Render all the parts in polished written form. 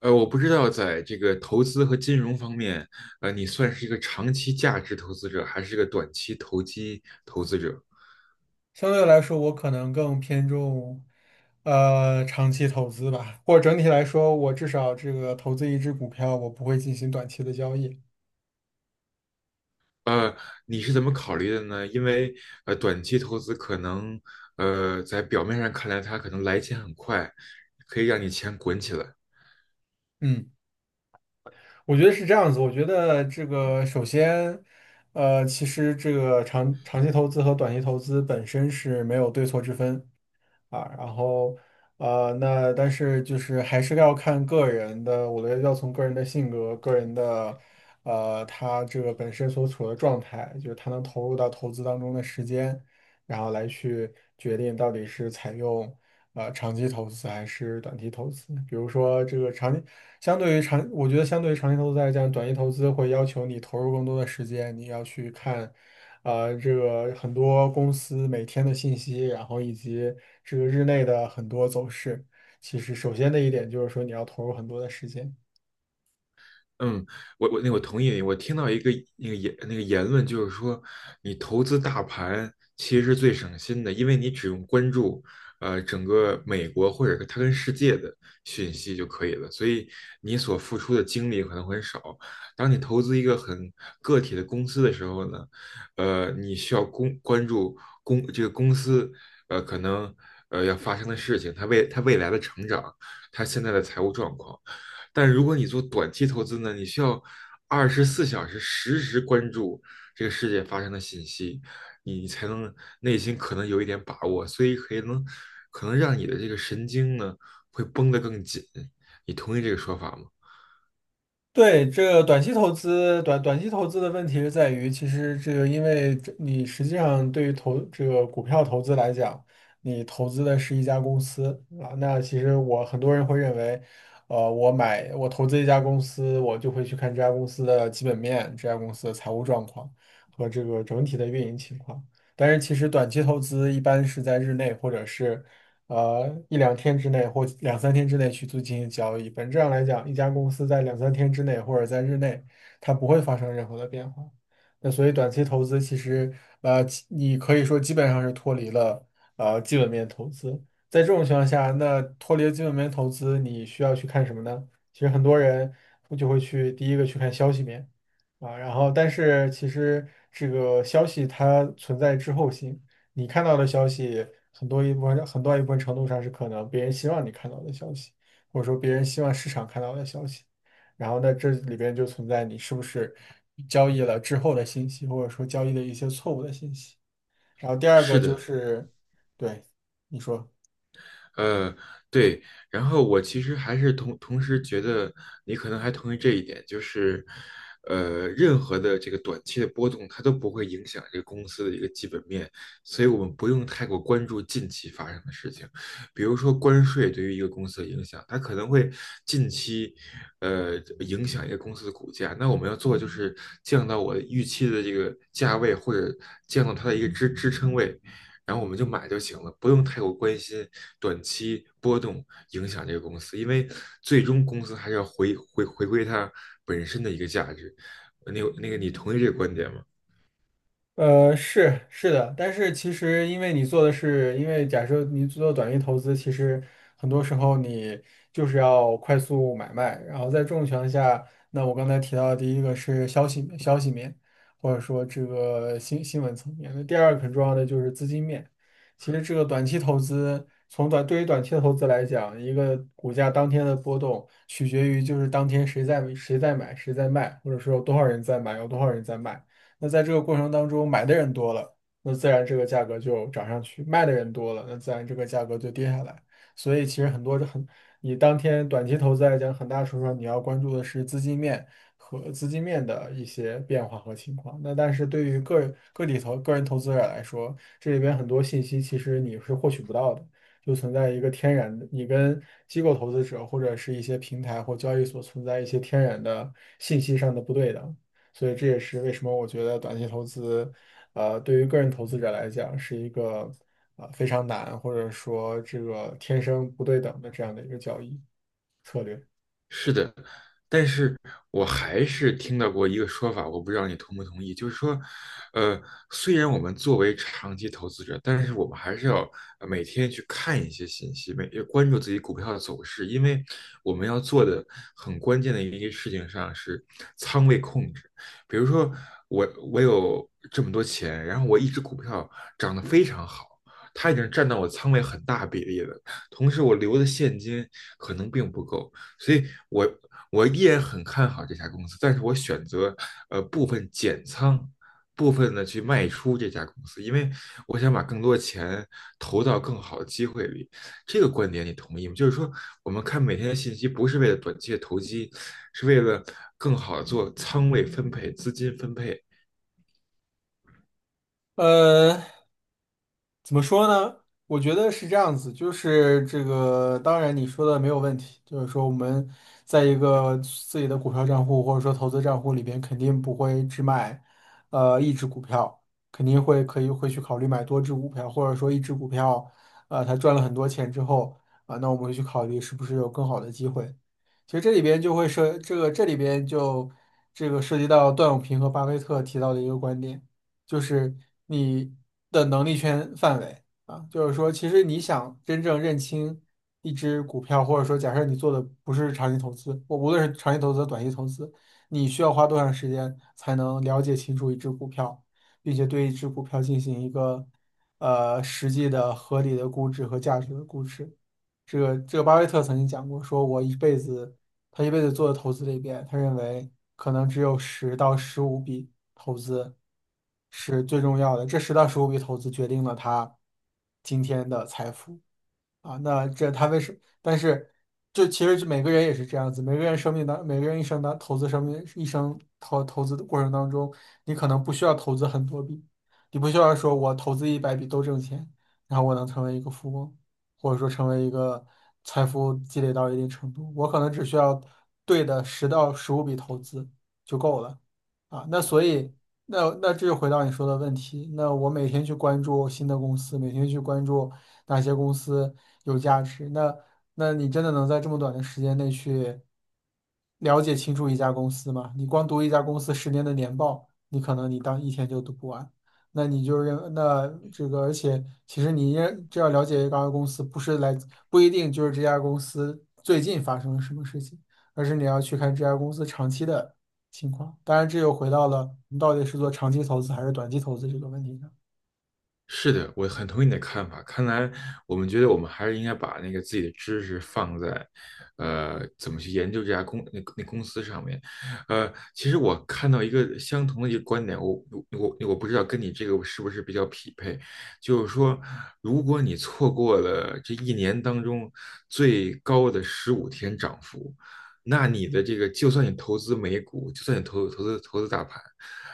我不知道在这个投资和金融方面，你算是一个长期价值投资者，还是一个短期投机投资者？相对来说，我可能更偏重，长期投资吧。或者整体来说，我至少这个投资一只股票，我不会进行短期的交易。呃，你是怎么考虑的呢？因为短期投资可能，在表面上看来，它可能来钱很快，可以让你钱滚起来。嗯。我觉得是这样子。我觉得这个首先，其实这个长期投资和短期投资本身是没有对错之分啊。然后，那但是就是还是要看个人的。我觉得要从个人的性格、个人的，他这个本身所处的状态，就是他能投入到投资当中的时间，然后来去决定到底是采用。长期投资还是短期投资？比如说这个长期，相对于长，我觉得相对于长期投资来讲，短期投资会要求你投入更多的时间。你要去看，这个很多公司每天的信息，然后以及这个日内的很多走势。其实，首先的一点就是说，你要投入很多的时间。嗯，那我同意你。我听到一个那个言论，就是说你投资大盘其实是最省心的，因为你只用关注整个美国或者它跟世界的讯息就可以了，所以你所付出的精力可能很少。当你投资一个很个体的公司的时候呢，你需要关注这个公司可能要发生的事情，它未它未来的成长，它现在的财务状况。但如果你做短期投资呢，你需要24小时实时关注这个世界发生的信息，你才能内心可能有一点把握，所以可能让你的这个神经呢会绷得更紧。你同意这个说法吗？对，这个短期投资，短期投资的问题是在于，其实这个因为这你实际上对于投这个股票投资来讲，你投资的是一家公司啊。那其实我很多人会认为，我买我投资一家公司，我就会去看这家公司的基本面、这家公司的财务状况和这个整体的运营情况。但是其实短期投资一般是在日内或者是一两天之内或两三天之内去做进行交易。本质上来讲，一家公司在两三天之内或者在日内，它不会发生任何的变化。那所以短期投资其实其你可以说基本上是脱离了基本面投资。在这种情况下，那脱离了基本面投资，你需要去看什么呢？其实很多人就会去第一个去看消息面啊，然后但是其实这个消息它存在滞后性。你看到的消息，很多一部分很大一部分程度上是可能别人希望你看到的消息，或者说别人希望市场看到的消息。然后在这里边就存在你是不是交易了之后的信息，或者说交易的一些错误的信息。然后第二是个就的。是，对，你说。呃，对，然后我其实还是同时觉得你可能还同意这一点，就是，任何的这个短期的波动，它都不会影响这个公司的一个基本面，所以我们不用太过关注近期发生的事情，比如说关税对于一个公司的影响，它可能会近期，影响一个公司的股价，那我们要做的就是降到我预期的这个价位，或者降到它的一个支撑位。然后我们就买就行了，不用太过关心短期波动影响这个公司，因为最终公司还是要回归它本身的一个价值。那那个，你同意这个观点吗？是的，但是其实因为你做的是，因为假设你做短期投资，其实很多时候你就是要快速买卖。然后在这种情况下，那我刚才提到的第一个是消息面，或者说这个新闻层面，那第二个很重要的就是资金面。其实这个短期投资，对于短期的投资来讲，一个股价当天的波动取决于就是当天谁在买，谁在卖，或者说有多少人在买，有多少人在卖。那在这个过程当中，买的人多了，那自然这个价格就涨上去；卖的人多了，那自然这个价格就跌下来。所以其实很多这很，你当天短期投资来讲，很大程度上你要关注的是资金面和资金面的一些变化和情况。那但是对于个人投资者来说，这里边很多信息其实你是获取不到的。就存在一个天然的，你跟机构投资者或者是一些平台或交易所存在一些天然的信息上的不对等。所以这也是为什么我觉得短期投资，对于个人投资者来讲是一个非常难，或者说这个天生不对等的这样的一个交易策略。是的，但是我还是听到过一个说法，我不知道你同不同意，就是说，呃，虽然我们作为长期投资者，但是我们还是要每天去看一些信息，每要关注自己股票的走势，因为我们要做的很关键的一个事情上是仓位控制。比如说我有这么多钱，然后我一只股票涨得非常好。它已经占到我仓位很大比例了，同时我留的现金可能并不够，所以我依然很看好这家公司，但是我选择部分减仓，部分的去卖出这家公司，因为我想把更多钱投到更好的机会里。这个观点你同意吗？就是说，我们看每天的信息，不是为了短期的投机，是为了更好的做仓位分配、资金分配，呃，怎么说呢？我觉得是这样子，就是这个，当然你说的没有问题，就是说我们在一个自己的股票账户或者说投资账户里边，肯定不会只买一只股票，肯定会可以会去考虑买多只股票，或者说一只股票，啊，它赚了很多钱之后啊、那我们会去考虑是不是有更好的机会。其实这里边就会涉这个这里边就这个涉及到段永平和巴菲特提到的一个观点。就是你的能力圈范围啊，就是说，其实你想真正认清一只股票，或者说假设你做的不是长期投资，我无论是长期投资、短期投资，你需要花多长时间才能了解清楚一只股票，并且对一只股票进行一个实际的合理的估值和价值的估值。这个巴菲特曾经讲过，说我一辈子他一辈子做的投资里边，他认为可能只有十到十五笔。投资是最重要的，这十到十五笔投资决定了他今天的财富。啊，那这他为什？但是，其实每个人也是这样子，每个人一生当投资生命一生投资的过程当中，你可能不需要投资很多笔，你不需要说我投资100笔都挣钱，然后我能成为一个富翁，或者说成为一个财富积累到一定程度，我可能只需要对的十到十五笔投资就够了啊。那所以，那这就回到你说的问题，那我每天去关注新的公司，每天去关注。哪些公司有价值。那你真的能在这么短的时间内去了解清楚一家公司吗？你光读一家公司十年的年报，你可能你当一天就读不完。那你就认那这个，而且其实你也这要了解一家公司，不一定就是这家公司最近发生了什么事情，而是你要去看这家公司长期的情况。当然，这又回到了你到底是做长期投资还是短期投资这个问题上。是的，我很同意你的看法。看来我们觉得我们还是应该把那个自己的知识放在，怎么去研究这家公那那公司上面。其实我看到一个相同的一个观点，我不知道跟你这个是不是比较匹配，就是说，如果你错过了这一年当中最高的十五天涨幅，那你的这个就算你投资美股，就算你投资大盘，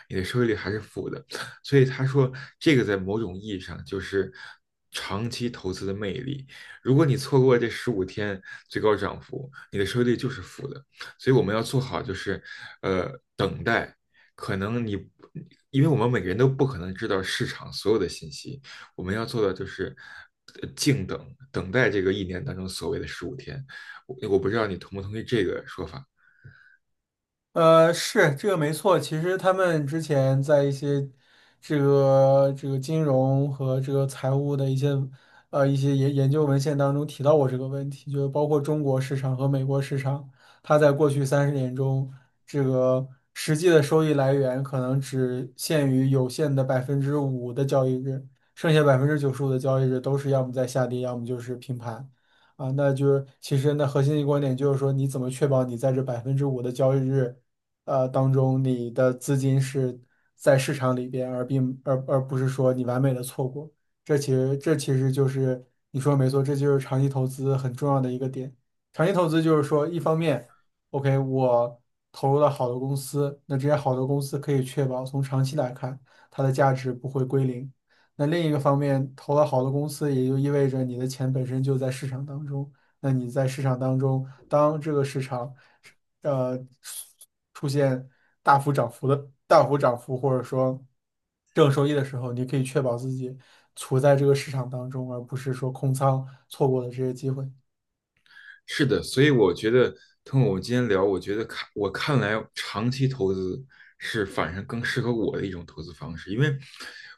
你的收益率还是负的。所以他说，这个在某种意义上就是长期投资的魅力。如果你错过这十五天最高涨幅，你的收益率就是负的。所以我们要做好就是，呃，等待。可能你，因为我们每个人都不可能知道市场所有的信息，我们要做的就是静等，等待这个一年当中所谓的十五天。我不知道你同不同意这个说法。是这个没错。其实他们之前在一些这个金融和这个财务的一些一些研究文献当中提到过这个问题，就是包括中国市场和美国市场，它在过去30年中，这个实际的收益来源可能只限于有限的百分之五的交易日，剩下95%的交易日都是要么在下跌，要么就是平盘。啊，那就是其实那核心的观点就是说，你怎么确保你在这百分之五的交易日当中，你的资金是在市场里边，而并而而不是说你完美的错过。这其实就是你说的没错，这就是长期投资很重要的一个点。长期投资就是说，一方面，OK,我投入了好的公司，那这些好的公司可以确保从长期来看，它的价值不会归零。那另一个方面，投了好的公司，也就意味着你的钱本身就在市场当中。那你在市场当中，当这个市场呃出现大幅涨幅，或者说正收益的时候，你可以确保自己处在这个市场当中，而不是说空仓错过了这些机会。是的，所以我觉得通过我们今天聊，我觉得我看来，长期投资是反正更适合我的一种投资方式，因为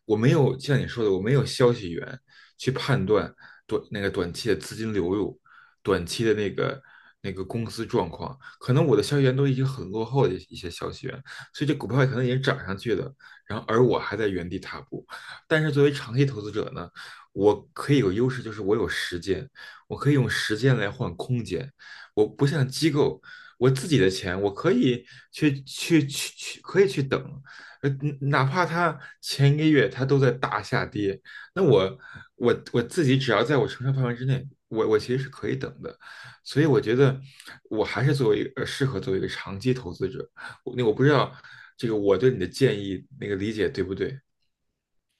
我没有像你说的，我没有消息源去判断短那个短期的资金流入，短期的那个公司状况，可能我的消息源都已经很落后的一些消息源，所以这股票可能已经涨上去的，然后而我还在原地踏步。但是作为长期投资者呢，我可以有优势，就是我有时间。我可以用时间来换空间。我不像机构，我自己的钱我可以去去去去，可以去等，呃，哪怕它前一个月它都在大下跌，那我自己只要在我承受范围之内，我其实是可以等的。所以我觉得我还是作为一个呃适合作为一个长期投资者。那我不知道这个我对你的建议理解对不对？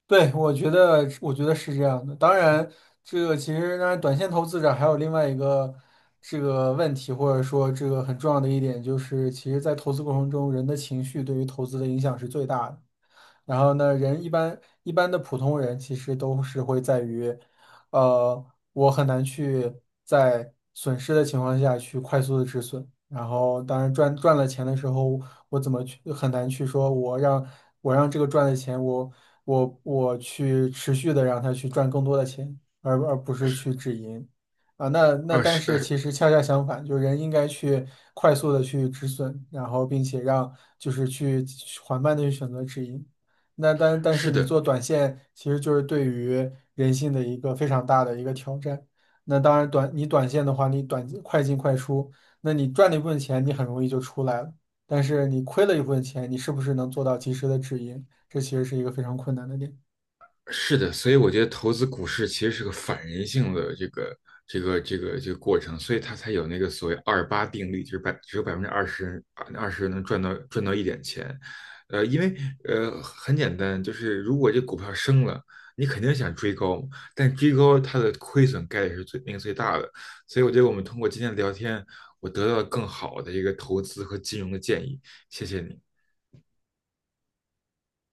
对，我觉得是这样的。当然，这个其实，当然，短线投资者还有另外一个这个问题，或者说这个很重要的一点，就是其实，在投资过程中，人的情绪对于投资的影响是最大的。然后呢，人一般的普通人其实都是会在于，呃，我很难去在损失的情况下去快速的止损。然后，当然赚了钱的时候，我怎么去很难去说我让这个赚的钱我。我去持续的让他去赚更多的钱，而不是去止盈啊。那啊，但是其实恰恰相反，就人应该去快速的去止损，然后并且让就是去缓慢的去选择止盈。那但是是你的，做短线，其实就是对于人性的一个非常大的一个挑战。那当然你短线的话，你快进快出，那你赚了一部分钱，你很容易就出来了。但是你亏了一部分钱，你是不是能做到及时的止盈？这其实是一个非常困难的点。是的，所以我觉得投资股市其实是个反人性的这个过程，所以它才有那个所谓二八定律，就是只有20%能赚到一点钱，因为很简单，就是如果这股票升了，你肯定想追高，但追高它的亏损概率是最那个最大的，所以我觉得我们通过今天的聊天，我得到了更好的一个投资和金融的建议，谢谢你。